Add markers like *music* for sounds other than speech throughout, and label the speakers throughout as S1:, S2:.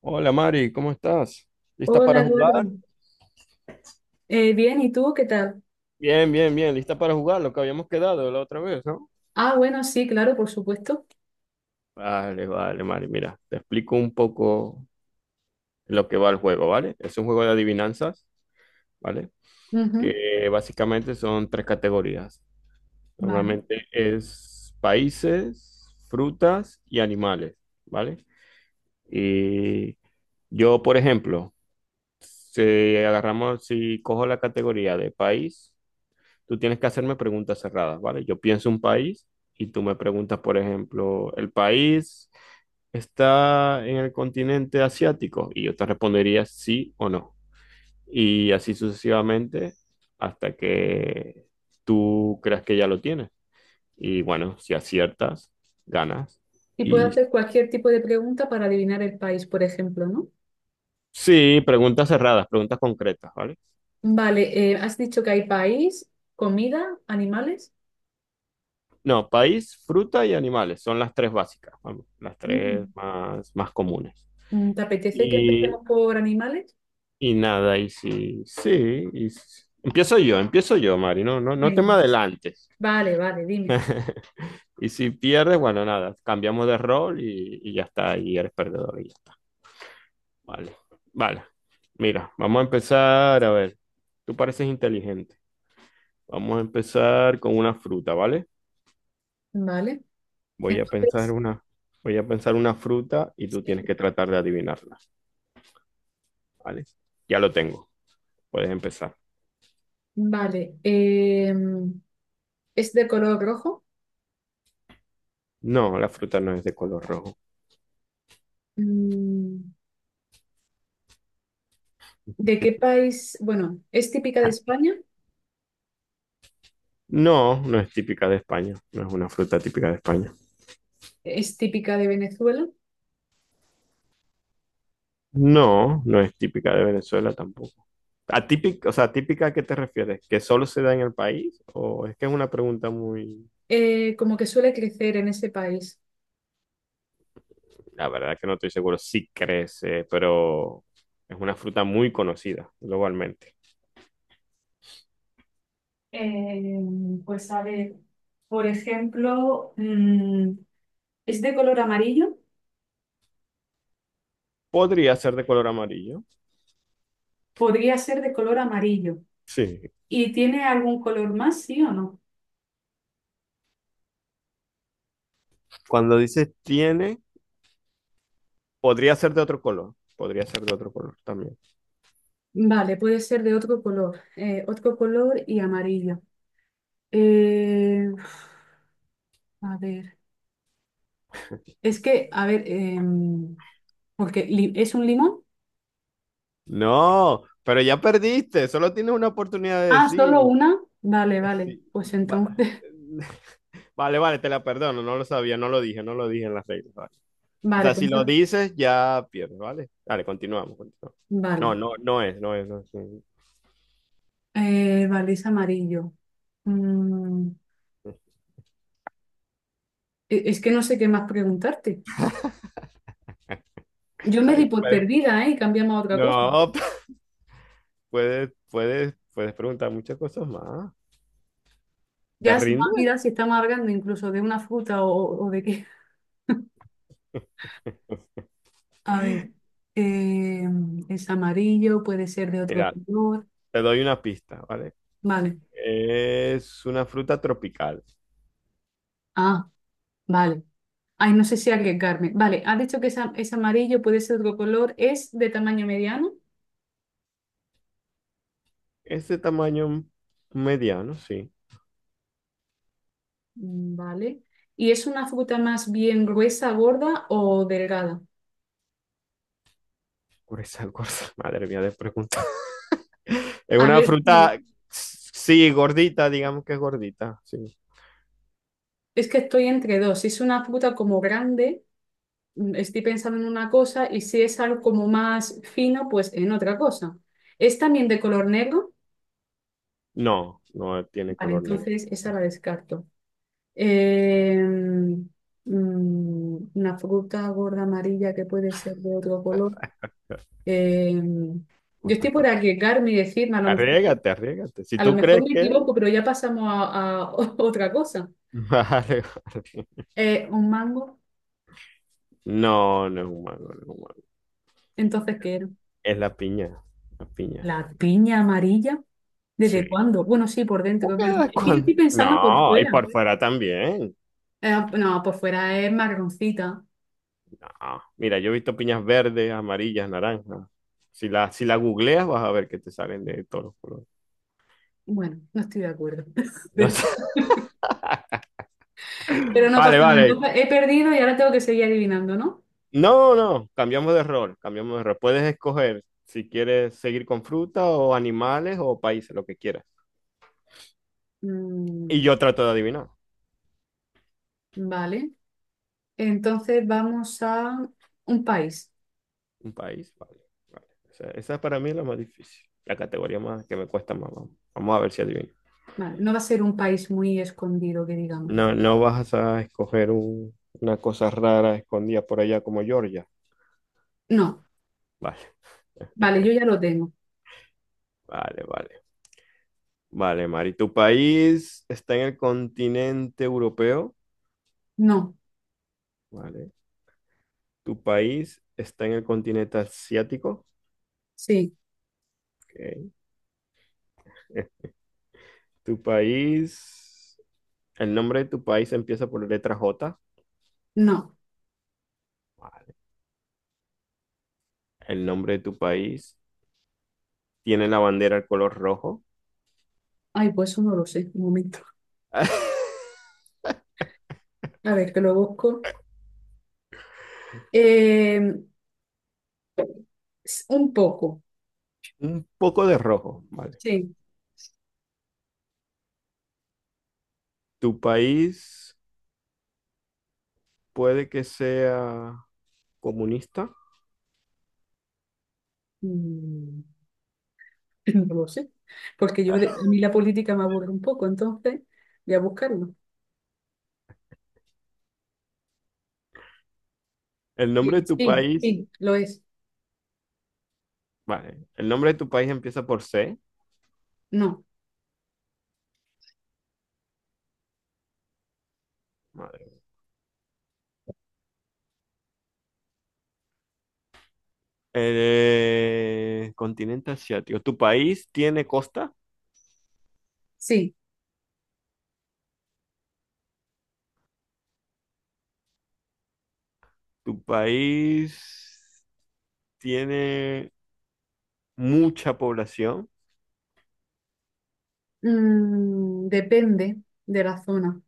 S1: Hola Mari, ¿cómo estás? ¿Lista
S2: Hola,
S1: para
S2: Eduardo.
S1: jugar?
S2: Bien, ¿y tú qué tal?
S1: Bien, bien, bien, lista para jugar, lo que habíamos quedado la otra vez, ¿no?
S2: Ah, bueno, sí, claro, por supuesto.
S1: Vale, vale, Mari, mira, te explico un poco lo que va el juego, ¿vale? Es un juego de adivinanzas, ¿vale?
S2: Ujú.
S1: Que básicamente son tres categorías.
S2: Vale.
S1: Normalmente es países, frutas y animales, ¿vale? Y yo, por ejemplo, si cojo la categoría de país. Tú tienes que hacerme preguntas cerradas, ¿vale? Yo pienso un país y tú me preguntas, por ejemplo, ¿el país está en el continente asiático? Y yo te respondería sí o no. Y así sucesivamente hasta que tú creas que ya lo tienes. Y bueno, si aciertas, ganas.
S2: ¿Y puedo
S1: Y
S2: hacer cualquier tipo de pregunta para adivinar el país, por ejemplo, ¿no?
S1: sí, preguntas cerradas, preguntas concretas, ¿vale?
S2: Vale, has dicho que hay país, comida, animales.
S1: No, país, fruta y animales son las tres básicas, vamos, las tres
S2: Mm.
S1: más comunes.
S2: ¿Te apetece que
S1: Y
S2: empecemos por animales?
S1: Y nada, y sí, sí, y empiezo yo, Mari, no, no, no te me
S2: Venga.
S1: adelantes.
S2: Vale, vale, dime.
S1: *laughs* Y si pierdes, bueno, nada, cambiamos de rol y ya está, y eres perdedor y ya está. Vale, vale. Mira, vamos a empezar, a ver, tú pareces inteligente. Vamos a empezar con una fruta, ¿vale?
S2: Vale,
S1: Voy a pensar
S2: entonces,
S1: una, Voy a pensar una fruta y tú tienes
S2: sí.
S1: que tratar de adivinarla, ¿vale? Ya lo tengo, puedes empezar.
S2: Vale, ¿es de color rojo?
S1: No, la fruta no es de color rojo.
S2: Mm, ¿De qué país? Bueno, ¿es típica de España?
S1: No, no es típica de España, no es una fruta típica de España.
S2: ¿Es típica de Venezuela?
S1: No, no es típica de Venezuela tampoco. Atípica, o sea, típica ¿a qué te refieres? ¿Que solo se da en el país? ¿O es que es una pregunta muy...?
S2: ¿Eh, como que suele crecer en ese país?
S1: La verdad que no estoy seguro, sí crece, pero es una fruta muy conocida globalmente.
S2: Eh, pues a ver, por ejemplo, ¿es de color amarillo?
S1: Podría ser de color amarillo.
S2: Podría ser de color amarillo.
S1: Sí.
S2: ¿Y tiene algún color más, sí o no?
S1: Cuando dices tiene, podría ser de otro color. Podría ser de otro color también.
S2: Vale, puede ser de otro color y amarillo. Eh, a ver, es que, a ver, ¿es un limón?
S1: No, pero ya perdiste, solo tienes una oportunidad de
S2: Ah,
S1: decir.
S2: solo una. Vale, vale,
S1: Sí,
S2: pues
S1: va-
S2: entonces, *laughs*
S1: *laughs* vale, vale, te la perdono, no lo sabía, no lo dije en las reglas, vale. O
S2: vale,
S1: sea, si lo dices, ya pierdes, ¿vale? Dale, continuamos, continuamos. No,
S2: vale.
S1: no, no es, no es, no es.
S2: Vale, es amarillo. Mm, es que no sé qué más preguntarte. Yo me
S1: Ahí
S2: di por
S1: puede-
S2: perdida, ¿eh? Y cambiamos a otra cosa.
S1: no, *laughs* puedes, puedes, puedes preguntar muchas cosas más. ¿Te
S2: Ya se me ha
S1: rindes?
S2: olvidado si estamos hablando incluso de una fruta o de qué. *laughs* A ver, eh, es amarillo, puede ser de otro
S1: Mira,
S2: color.
S1: te doy una pista, ¿vale?
S2: Vale.
S1: Es una fruta tropical.
S2: Ah, vale. Ay, no sé si arriesgarme. Vale, has dicho que es, es amarillo, puede ser otro color. ¿Es de tamaño mediano?
S1: Es de tamaño mediano, sí.
S2: Mm. Vale. ¿Y es una fruta más bien gruesa, gorda o delgada?
S1: Curacao, gorda. *laughs* Madre mía, de pregunta. *laughs* Es
S2: A
S1: una
S2: ver, sí.
S1: fruta, sí, gordita, digamos que es gordita, sí.
S2: Es que estoy entre dos. Si es una fruta como grande, estoy pensando en una cosa, y si es algo como más fino, pues en otra cosa. ¿Es también de color negro?
S1: No, no tiene
S2: Vale,
S1: color negro.
S2: entonces esa la descarto. Eh, una fruta gorda amarilla que puede ser de otro color. Eh, yo estoy por arriesgarme y decirme,
S1: Arriégate, arriégate. Si
S2: a lo
S1: tú
S2: mejor
S1: crees
S2: me
S1: que...
S2: equivoco, pero ya pasamos a *laughs* otra cosa.
S1: *laughs* Vale, vale.
S2: Un mango,
S1: No, no es un mango, no es un mango.
S2: entonces, ¿qué era?
S1: Es la piña, la piña.
S2: ¿La piña amarilla? ¿Desde
S1: Sí.
S2: cuándo? Bueno, sí, por dentro,
S1: ¿Por
S2: es
S1: qué
S2: verdad.
S1: de
S2: Es que yo
S1: cuándo?
S2: estoy pensando por
S1: No, y
S2: fuera.
S1: por fuera también.
S2: No, por fuera es marroncita.
S1: No. Mira, yo he visto piñas verdes, amarillas, naranjas. Si la googleas vas a ver que te salen de todos los colores.
S2: Bueno, no estoy de acuerdo. *laughs*
S1: No
S2: Pero,
S1: sé.
S2: pero no pasa
S1: Vale,
S2: nada.
S1: vale.
S2: Entonces he perdido y ahora tengo que seguir adivinando, ¿no?
S1: No, no, cambiamos de rol, cambiamos de rol. Puedes escoger si quieres seguir con fruta o animales o países, lo que quieras. Y
S2: Mm,
S1: yo trato de adivinar.
S2: vale. Entonces vamos a un país.
S1: Un país, vale, vale. O esa es para mí es la más difícil, la categoría más que me cuesta más. Vamos, vamos a ver si adivino.
S2: Vale, no va a ser un país muy escondido, que digamos.
S1: No, no vas a escoger una cosa rara escondida por allá como Georgia.
S2: No.
S1: Vale,
S2: Vale, yo ya lo tengo.
S1: vale, vale. Vale, Mari, ¿tu país está en el continente europeo?
S2: No.
S1: Vale. ¿Tu país está en el continente asiático?
S2: Sí.
S1: Ok. Tu país, el nombre de tu país empieza por letra J.
S2: No.
S1: Vale. El nombre de tu país tiene la bandera al color rojo.
S2: Ay, pues eso no lo sé. Un momento.
S1: *laughs*
S2: A ver, que lo busco. Eh, un poco.
S1: Un poco de rojo, vale.
S2: Sí.
S1: Tu país puede que sea comunista.
S2: Mm. *clears throat* *laughs* No lo sé, porque a mí la política me aburre un poco, entonces voy a buscarlo.
S1: El
S2: Sí,
S1: nombre de tu
S2: sí,
S1: país,
S2: sí, lo es.
S1: vale. El nombre de tu país empieza por C.
S2: No,
S1: Madre. Continente asiático. ¿Tu país tiene costa?
S2: sí.
S1: ¿Tu país tiene mucha población?
S2: Mm, depende de la zona.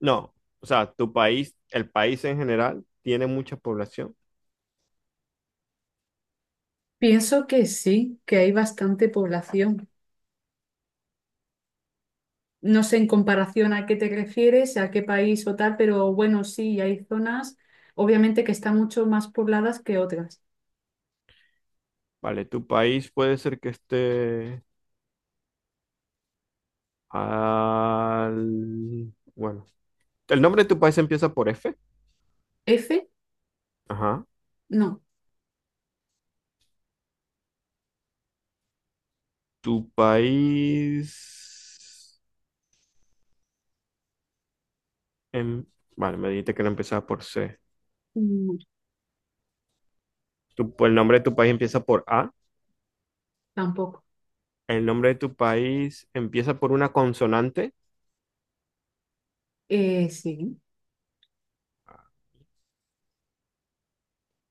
S1: No, o sea, tu país, el país en general, tiene mucha población,
S2: Pienso que sí, que hay bastante población. No sé en comparación a qué te refieres, a qué país o tal, pero bueno, sí, hay zonas, obviamente que están mucho más pobladas que otras.
S1: ¿vale? Tu país puede ser que esté al... Bueno, el nombre de tu país empieza por F.
S2: F,
S1: Ajá.
S2: no.
S1: Tu país... em- Vale, me dijiste que no empezaba por C.
S2: Mm,
S1: El nombre de tu país empieza por A.
S2: tampoco.
S1: El nombre de tu país empieza por una consonante,
S2: Sí,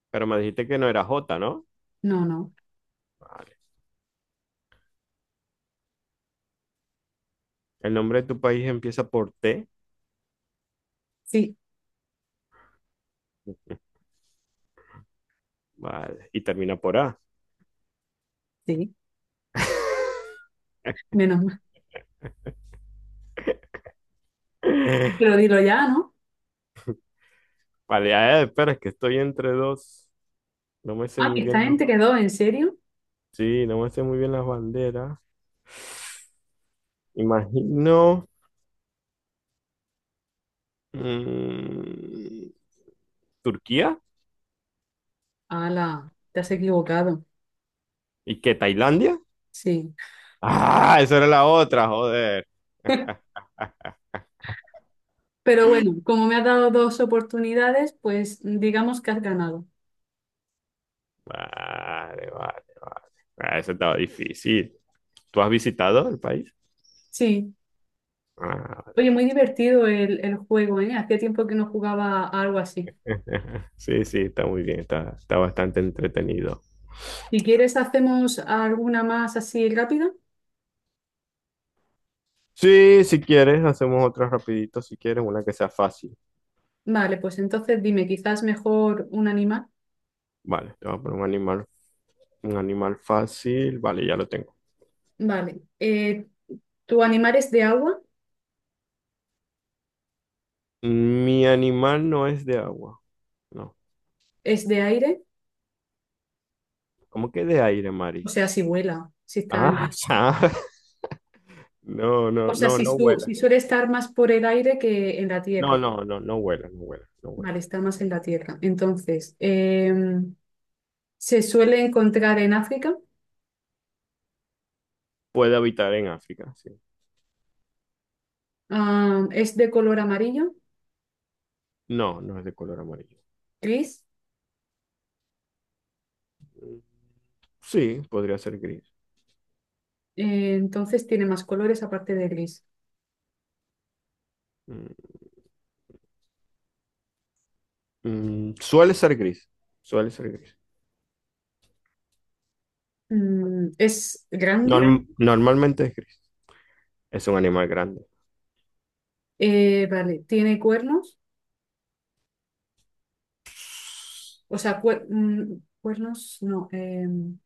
S1: pero me dijiste que no era J, ¿no?
S2: no, no,
S1: Vale. El nombre de tu país empieza por T,
S2: sí,
S1: vale, y termina por A.
S2: sí. Menos.
S1: *laughs*
S2: Pero dilo ya, ¿no?
S1: Vale, a ver, espera, es que estoy entre dos. No me sé
S2: Ah,
S1: muy
S2: ¿que esta
S1: bien, ¿no?
S2: gente quedó, ¿en serio?
S1: Sí, no me sé muy bien las banderas. Imagino. mm, ¿Turquía?
S2: Ala, te has equivocado.
S1: ¿Y qué? ¿Tailandia?
S2: Sí.
S1: Ah, esa era la otra, joder.
S2: *laughs*
S1: Ah,
S2: Pero bueno, como me has dado dos oportunidades, pues digamos que has ganado.
S1: vale, vale, vale. Ah, eso estaba difícil. ¿Tú has visitado el país?
S2: Sí.
S1: Ah,
S2: Oye, muy divertido el juego, ¿eh? Hacía tiempo que no jugaba a algo así.
S1: *laughs* sí, sí, está muy bien, está bastante entretenido.
S2: Si quieres, hacemos alguna más así rápida.
S1: Sí, si quieres, hacemos otra rapidito, si quieres, una que sea fácil.
S2: Vale, pues entonces dime, quizás mejor un animal.
S1: Vale, te voy a poner un animal. Un animal fácil. Vale, ya lo tengo.
S2: Vale. ¿Tu animal es de agua?
S1: Mi animal no es de agua. No.
S2: ¿Es de aire?
S1: ¿Cómo que de aire,
S2: O
S1: Mari?
S2: sea, si vuela, si está
S1: Ah,
S2: en...
S1: *laughs* ya. No,
S2: O
S1: no,
S2: sea,
S1: no, no vuela.
S2: si suele estar más por el aire que en la
S1: No,
S2: tierra.
S1: no, no, no vuela, no vuela, no vuela.
S2: Vale, está más en la tierra. Entonces, se suele encontrar en África.
S1: Puede habitar en África, sí.
S2: Es de color amarillo,
S1: No, no es de color amarillo.
S2: gris.
S1: Mm, sí, podría ser gris.
S2: Entonces tiene más colores aparte de gris.
S1: Suele ser gris. Suele ser gris.
S2: Mm, es grande.
S1: Normalmente es gris. Es un animal grande.
S2: Vale, tiene cuernos. O sea, cuernos, no.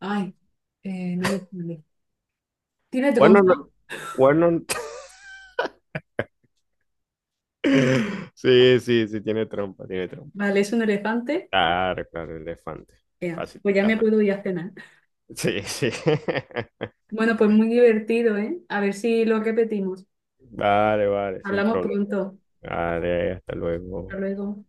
S2: ay, no me... Tiene
S1: Cuernos,
S2: trompa.
S1: cuernos. *laughs* Sí, sí, sí, tiene trompa, tiene trompa.
S2: Vale, es un elefante.
S1: Claro, claro, elefante.
S2: Ya, pues ya
S1: Facilita,
S2: me puedo ir a cenar.
S1: sí, sí. *laughs*
S2: Bueno, pues muy divertido, ¿eh? A ver si lo repetimos.
S1: Vale, vale, sin
S2: Hablamos
S1: problema.
S2: pronto.
S1: Vale, hasta
S2: Hasta
S1: luego.
S2: luego.